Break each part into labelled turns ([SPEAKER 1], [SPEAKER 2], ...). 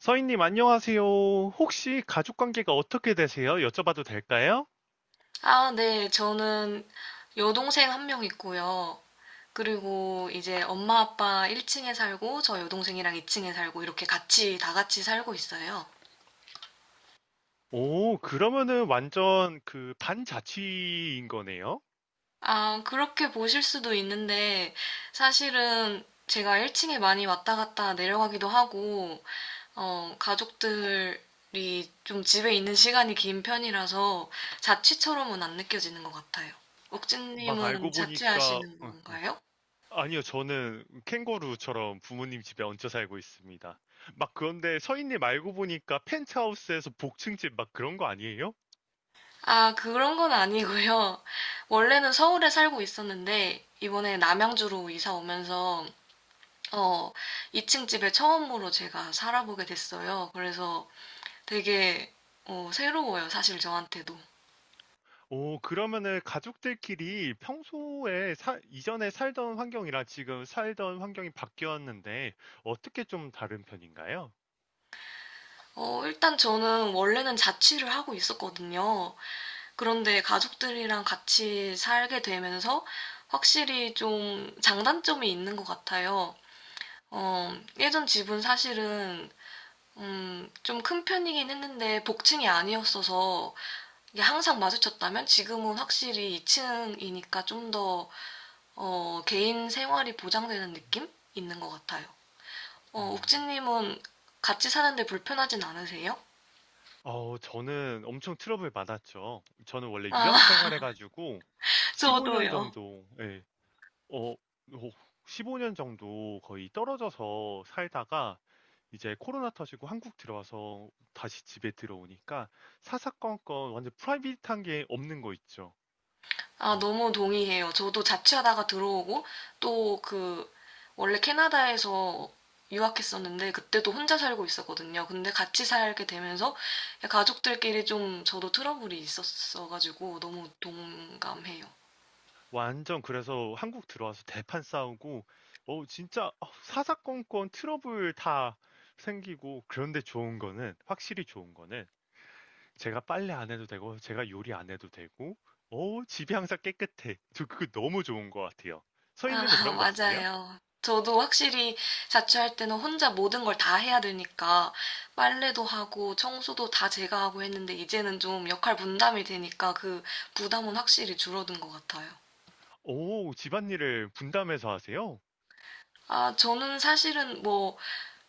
[SPEAKER 1] 서인님, 안녕하세요. 혹시 가족 관계가 어떻게 되세요? 여쭤봐도 될까요?
[SPEAKER 2] 아, 네. 저는 여동생 한 명 있고요. 그리고 이제 엄마 아빠 1층에 살고 저 여동생이랑 2층에 살고 이렇게 같이 다 같이 살고 있어요.
[SPEAKER 1] 오, 그러면은 완전 그 반자취인 거네요?
[SPEAKER 2] 아, 그렇게 보실 수도 있는데 사실은 제가 1층에 많이 왔다 갔다 내려가기도 하고 가족들이 좀 집에 있는 시간이 긴 편이라서 자취처럼은 안 느껴지는 것 같아요.
[SPEAKER 1] 막
[SPEAKER 2] 옥진님은
[SPEAKER 1] 알고 보니까,
[SPEAKER 2] 자취하시는 건가요?
[SPEAKER 1] 아니요, 저는 캥거루처럼 부모님 집에 얹혀 살고 있습니다. 막 그런데 서인님 알고 보니까 펜트하우스에서 복층집 막 그런 거 아니에요?
[SPEAKER 2] 아, 그런 건 아니고요. 원래는 서울에 살고 있었는데, 이번에 남양주로 이사 오면서, 어, 2층 집에 처음으로 제가 살아보게 됐어요. 그래서 되게, 새로워요, 사실 저한테도.
[SPEAKER 1] 오, 그러면은 가족들끼리 평소에 이전에 살던 환경이랑 지금 살던 환경이 바뀌었는데 어떻게 좀 다른 편인가요?
[SPEAKER 2] 일단 저는 원래는 자취를 하고 있었거든요. 그런데 가족들이랑 같이 살게 되면서 확실히 좀 장단점이 있는 것 같아요. 어, 예전 집은 사실은 좀 큰 편이긴 했는데 복층이 아니었어서 이게 항상 마주쳤다면 지금은 확실히 2층이니까 좀 더 개인 생활이 보장되는 느낌 있는 것 같아요.
[SPEAKER 1] 음.
[SPEAKER 2] 욱진님은 같이 사는데 불편하진 않으세요?
[SPEAKER 1] 저는 엄청 트러블 많았죠. 저는 원래 유학
[SPEAKER 2] 아,
[SPEAKER 1] 생활해가지고 15년
[SPEAKER 2] 저도요.
[SPEAKER 1] 정도, 예, 어, 어, 15년 정도 거의 떨어져서 살다가 이제 코로나 터지고 한국 들어와서 다시 집에 들어오니까 사사건건 완전 프라이빗한 게 없는 거 있죠.
[SPEAKER 2] 아,
[SPEAKER 1] 어,
[SPEAKER 2] 너무 동의해요. 저도 자취하다가 들어오고 또 그 원래 캐나다에서 유학했었는데 그때도 혼자 살고 있었거든요. 근데 같이 살게 되면서 가족들끼리 좀 저도 트러블이 있었어가지고 너무 동감해요.
[SPEAKER 1] 완전 그래서 한국 들어와서 대판 싸우고, 진짜 사사건건 트러블 다 생기고, 그런데 좋은 거는, 확실히 좋은 거는 제가 빨래 안 해도 되고, 제가 요리 안 해도 되고, 오, 집이 항상 깨끗해. 저 그거 너무 좋은 것 같아요.
[SPEAKER 2] 아,
[SPEAKER 1] 서인님은 그런 거 없으세요?
[SPEAKER 2] 맞아요. 저도 확실히 자취할 때는 혼자 모든 걸 다 해야 되니까 빨래도 하고 청소도 다 제가 하고 했는데 이제는 좀 역할 분담이 되니까 그 부담은 확실히 줄어든 것 같아요.
[SPEAKER 1] 오, 집안일을 분담해서 하세요?
[SPEAKER 2] 아, 저는 사실은 뭐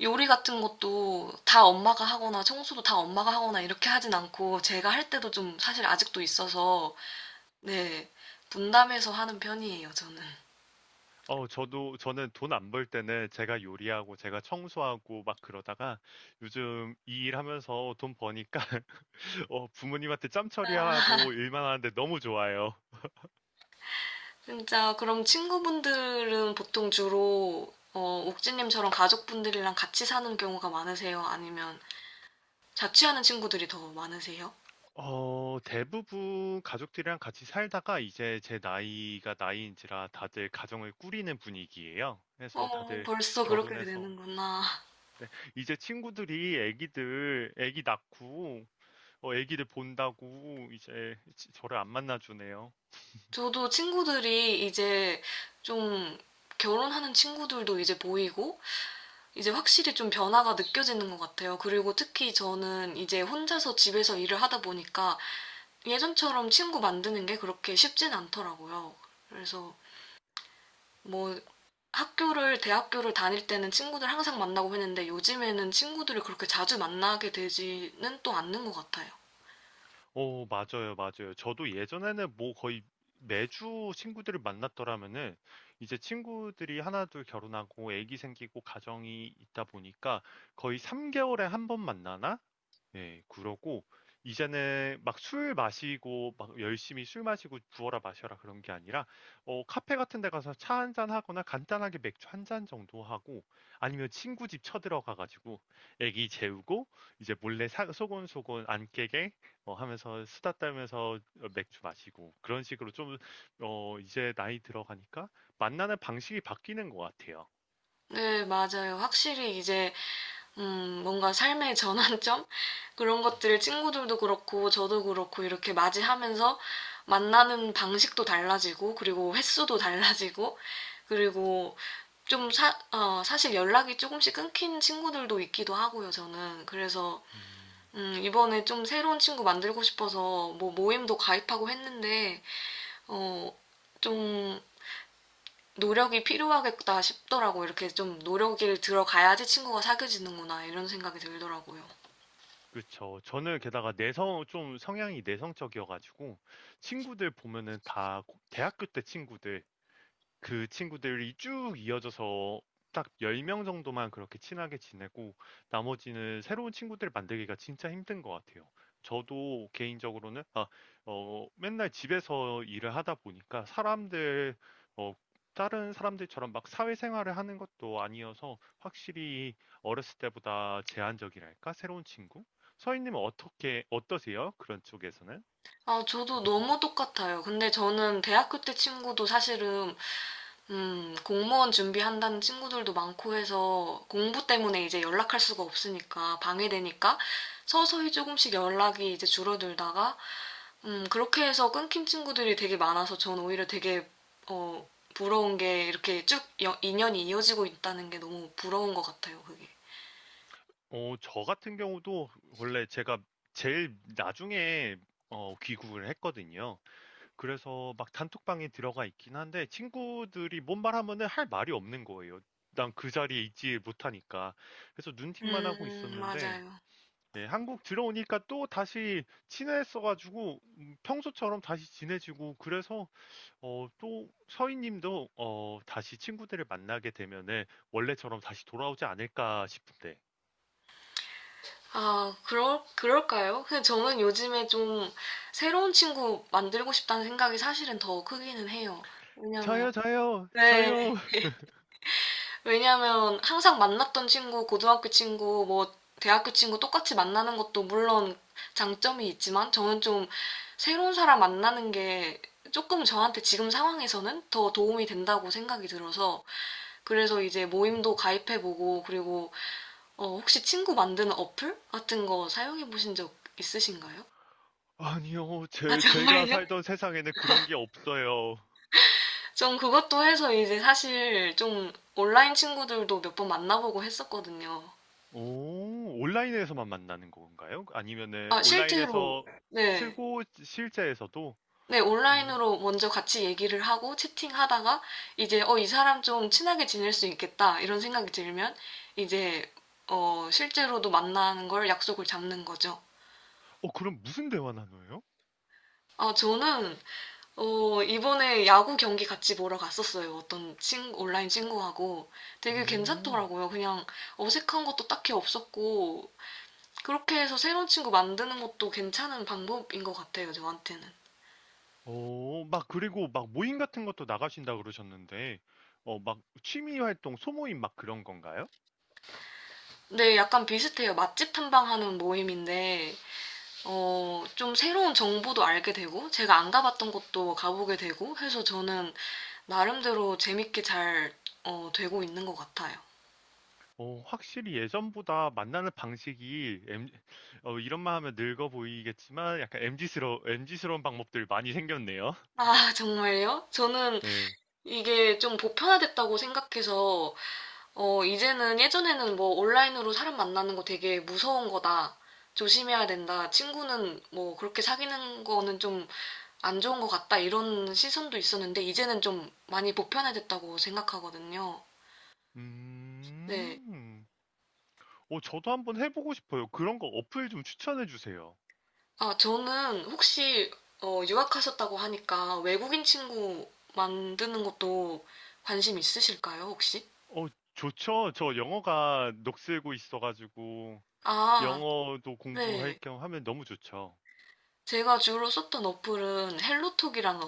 [SPEAKER 2] 요리 같은 것도 다 엄마가 하거나 청소도 다 엄마가 하거나 이렇게 하진 않고 제가 할 때도 좀 사실 아직도 있어서 네, 분담해서 하는 편이에요, 저는.
[SPEAKER 1] 저도, 저는 돈 안 벌 때는 제가 요리하고, 제가 청소하고 막 그러다가, 요즘 이 일 하면서 돈 버니까, 부모님한테 짬 처리하고 일만 하는데 너무 좋아요.
[SPEAKER 2] 진짜 그럼 친구분들은 보통 주로 옥진님처럼 가족분들이랑 같이 사는 경우가 많으세요? 아니면 자취하는 친구들이 더 많으세요?
[SPEAKER 1] 어, 대부분 가족들이랑 같이 살다가 이제 제 나이가 나이인지라 다들 가정을 꾸리는 분위기예요. 그래서 다들
[SPEAKER 2] 벌써 그렇게
[SPEAKER 1] 결혼해서
[SPEAKER 2] 되는구나.
[SPEAKER 1] 네, 이제 친구들이 애기 낳고 애기들 본다고 이제 저를 안 만나주네요.
[SPEAKER 2] 저도 친구들이 이제 좀 결혼하는 친구들도 이제 보이고 이제 확실히 좀 변화가 느껴지는 것 같아요. 그리고 특히 저는 이제 혼자서 집에서 일을 하다 보니까 예전처럼 친구 만드는 게 그렇게 쉽진 않더라고요. 그래서 뭐 학교를, 대학교를 다닐 때는 친구들 항상 만나고 했는데 요즘에는 친구들을 그렇게 자주 만나게 되지는 또 않는 것 같아요.
[SPEAKER 1] 맞아요, 맞아요. 저도 예전에는 뭐 거의 매주 친구들을 만났더라면은 이제 친구들이 하나 둘 결혼하고 애기 생기고 가정이 있다 보니까 거의 3개월에 한 번 만나나? 예, 그러고 이제는 막 술 마시고 막 열심히 술 마시고 부어라 마셔라 그런 게 아니라 카페 같은 데 가서 차 한 잔 하거나 간단하게 맥주 한 잔 정도 하고 아니면 친구 집 쳐들어가 가지고 애기 재우고 이제 몰래 소곤소곤 안 깨게 하면서 수다 떨면서 맥주 마시고 그런 식으로 좀 이제 나이 들어가니까 만나는 방식이 바뀌는 것 같아요.
[SPEAKER 2] 네, 맞아요. 확실히 이제 뭔가 삶의 전환점? 그런 것들을 친구들도 그렇고, 저도 그렇고, 이렇게 맞이하면서 만나는 방식도 달라지고, 그리고 횟수도 달라지고, 그리고 사실 연락이 조금씩 끊긴 친구들도 있기도 하고요, 저는. 그래서,
[SPEAKER 1] 음.
[SPEAKER 2] 이번에 좀 새로운 친구 만들고 싶어서 뭐 모임도 가입하고 했는데, 어, 좀 노력이 필요하겠다 싶더라고요. 이렇게 좀 노력을 들어가야지 친구가 사귀어지는구나, 이런 생각이 들더라고요.
[SPEAKER 1] 그쵸. 저는 게다가 내성 좀 성향이 내성적이어가지고 친구들 보면은 다 대학교 때 친구들 그 친구들이 쭉 이어져서 딱 10명 정도만 그렇게 친하게 지내고 나머지는 새로운 친구들 만들기가 진짜 힘든 것 같아요. 저도 개인적으로는 맨날 집에서 일을 하다 보니까 어, 다른 사람들처럼 막 사회생활을 하는 것도 아니어서 확실히 어렸을 때보다 제한적이랄까? 새로운 친구? 서인님은 어떻게 어떠세요? 그런 쪽에서는?
[SPEAKER 2] 아, 저도 너무 똑같아요. 근데 저는 대학교 때 친구도 사실은, 공무원 준비한다는 친구들도 많고 해서 공부 때문에 이제 연락할 수가 없으니까, 방해되니까 서서히 조금씩 연락이 이제 줄어들다가, 그렇게 해서 끊긴 친구들이 되게 많아서 전 오히려 되게, 어, 부러운 게 이렇게 쭉 인연이 이어지고 있다는 게 너무 부러운 것 같아요, 그게.
[SPEAKER 1] 저 같은 경우도 원래 제가 제일 나중에 귀국을 했거든요. 그래서 막 단톡방에 들어가 있긴 한데 친구들이 뭔 말하면은 할 말이 없는 거예요. 난 그 자리에 있지 못하니까. 그래서 눈팅만 하고 있었는데
[SPEAKER 2] 맞아요.
[SPEAKER 1] 예, 한국 들어오니까 또 다시 친해져가지고 평소처럼 다시 지내지고 그래서 또 서희님도 다시 친구들을 만나게 되면은 원래처럼 다시 돌아오지 않을까 싶은데.
[SPEAKER 2] 그럴까요? 근데 저는 요즘에 좀 새로운 친구 만들고 싶다는 생각이 사실은 더 크기는 해요. 왜냐면,
[SPEAKER 1] 저요, 저요,
[SPEAKER 2] 네,
[SPEAKER 1] 저요.
[SPEAKER 2] 왜냐면 항상 만났던 친구, 고등학교 친구, 뭐, 대학교 친구 똑같이 만나는 것도 물론 장점이 있지만 저는 좀 새로운 사람 만나는 게 조금 저한테 지금 상황에서는 더 도움이 된다고 생각이 들어서 그래서 이제 모임도 가입해보고 그리고 혹시 친구 만드는 어플 같은 거 사용해 보신 적 있으신가요?
[SPEAKER 1] 아니요,
[SPEAKER 2] 아,
[SPEAKER 1] 제가
[SPEAKER 2] 정말요?
[SPEAKER 1] 살던 세상에는 그런 게 없어요.
[SPEAKER 2] 전 그것도 해서 이제 사실 좀 온라인 친구들도 몇 번 만나보고 했었거든요.
[SPEAKER 1] 오, 온라인에서만 만나는 건가요? 아니면은
[SPEAKER 2] 아, 실제로,
[SPEAKER 1] 온라인에서
[SPEAKER 2] 네.
[SPEAKER 1] 틀고 실제에서도?
[SPEAKER 2] 네,
[SPEAKER 1] 오,
[SPEAKER 2] 온라인으로 먼저 같이 얘기를 하고 채팅하다가 이제 이 사람 좀 친하게 지낼 수 있겠다 이런 생각이 들면 이제 실제로도 만나는 걸 약속을 잡는 거죠.
[SPEAKER 1] 그럼 무슨 대화 나눠요?
[SPEAKER 2] 아, 저는 이번에 야구 경기 같이 보러 갔었어요. 온라인 친구하고 되게
[SPEAKER 1] 오,
[SPEAKER 2] 괜찮더라고요. 그냥 어색한 것도 딱히 없었고, 그렇게 해서 새로운 친구 만드는 것도 괜찮은 방법인 것 같아요, 저한테는.
[SPEAKER 1] 막 그리고 막 모임 같은 것도 나가신다 그러셨는데, 막 취미 활동, 소모임 막 그런 건가요?
[SPEAKER 2] 근데 약간 비슷해요. 맛집 탐방하는 모임인데, 좀 새로운 정보도 알게 되고, 제가 안 가봤던 곳도 가보게 되고 해서 저는 나름대로 재밌게 잘, 되고 있는 것 같아요.
[SPEAKER 1] 확실히 예전보다 만나는 방식이 이런 말 하면 늙어 보이겠지만 약간 m 지스러 엠지스러운 방법들 많이 생겼네요.
[SPEAKER 2] 아, 정말요? 저는
[SPEAKER 1] 네.
[SPEAKER 2] 이게 좀 보편화됐다고 생각해서, 이제는 예전에는 뭐 온라인으로 사람 만나는 거 되게 무서운 거다. 조심해야 된다. 친구는 뭐 그렇게 사귀는 거는 좀 안 좋은 것 같다 이런 시선도 있었는데 이제는 좀 많이 보편화됐다고 생각하거든요. 네.
[SPEAKER 1] 음, 저도 한번 해보고 싶어요. 그런 거 어플 좀 추천해 주세요.
[SPEAKER 2] 아, 저는 혹시 유학하셨다고 하니까 외국인 친구 만드는 것도 관심 있으실까요, 혹시?
[SPEAKER 1] 어, 좋죠. 저 영어가 녹슬고 있어가지고
[SPEAKER 2] 아,
[SPEAKER 1] 영어도 공부할
[SPEAKER 2] 네.
[SPEAKER 1] 겸 하면 너무 좋죠.
[SPEAKER 2] 제가 주로 썼던 어플은 헬로톡이라는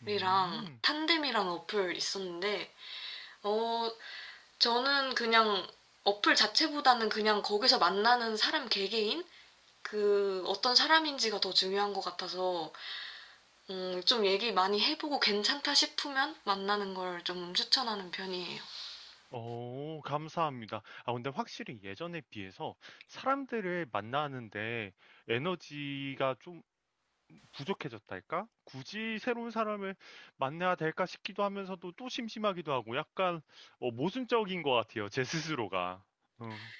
[SPEAKER 2] 어플이랑
[SPEAKER 1] 음,
[SPEAKER 2] 탄뎀이라는 어플 있었는데, 어, 저는 그냥 어플 자체보다는 그냥 거기서 만나는 사람 개개인? 그 어떤 사람인지가 더 중요한 것 같아서 좀 얘기 많이 해보고 괜찮다 싶으면 만나는 걸 좀 추천하는 편이에요.
[SPEAKER 1] 감사합니다. 아 근데 확실히 예전에 비해서 사람들을 만나는데 에너지가 좀 부족해졌달까? 굳이 새로운 사람을 만나야 될까 싶기도 하면서도 또 심심하기도 하고 약간 모순적인 것 같아요. 제 스스로가. 어,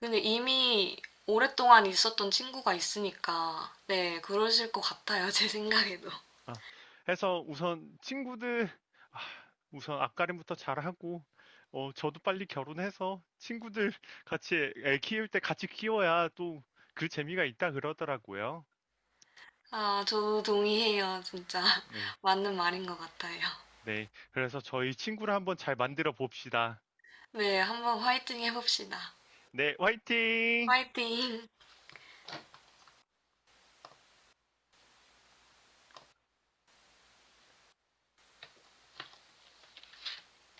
[SPEAKER 2] 근데 이미 오랫동안 있었던 친구가 있으니까 네 그러실 것 같아요 제 생각에도.
[SPEAKER 1] 아, 해서 아, 우선 앞가림부터 잘하고, 저도 빨리 결혼해서 친구들 같이 애 키울 때 같이 키워야 또 그 재미가 있다 그러더라고요.
[SPEAKER 2] 아 저도 동의해요 진짜
[SPEAKER 1] 네.
[SPEAKER 2] 맞는 말인 것 같아요.
[SPEAKER 1] 네. 그래서 저희 친구를 한번 잘 만들어 봅시다.
[SPEAKER 2] 네 한번 화이팅 해봅시다.
[SPEAKER 1] 네, 화이팅!
[SPEAKER 2] 화이팅.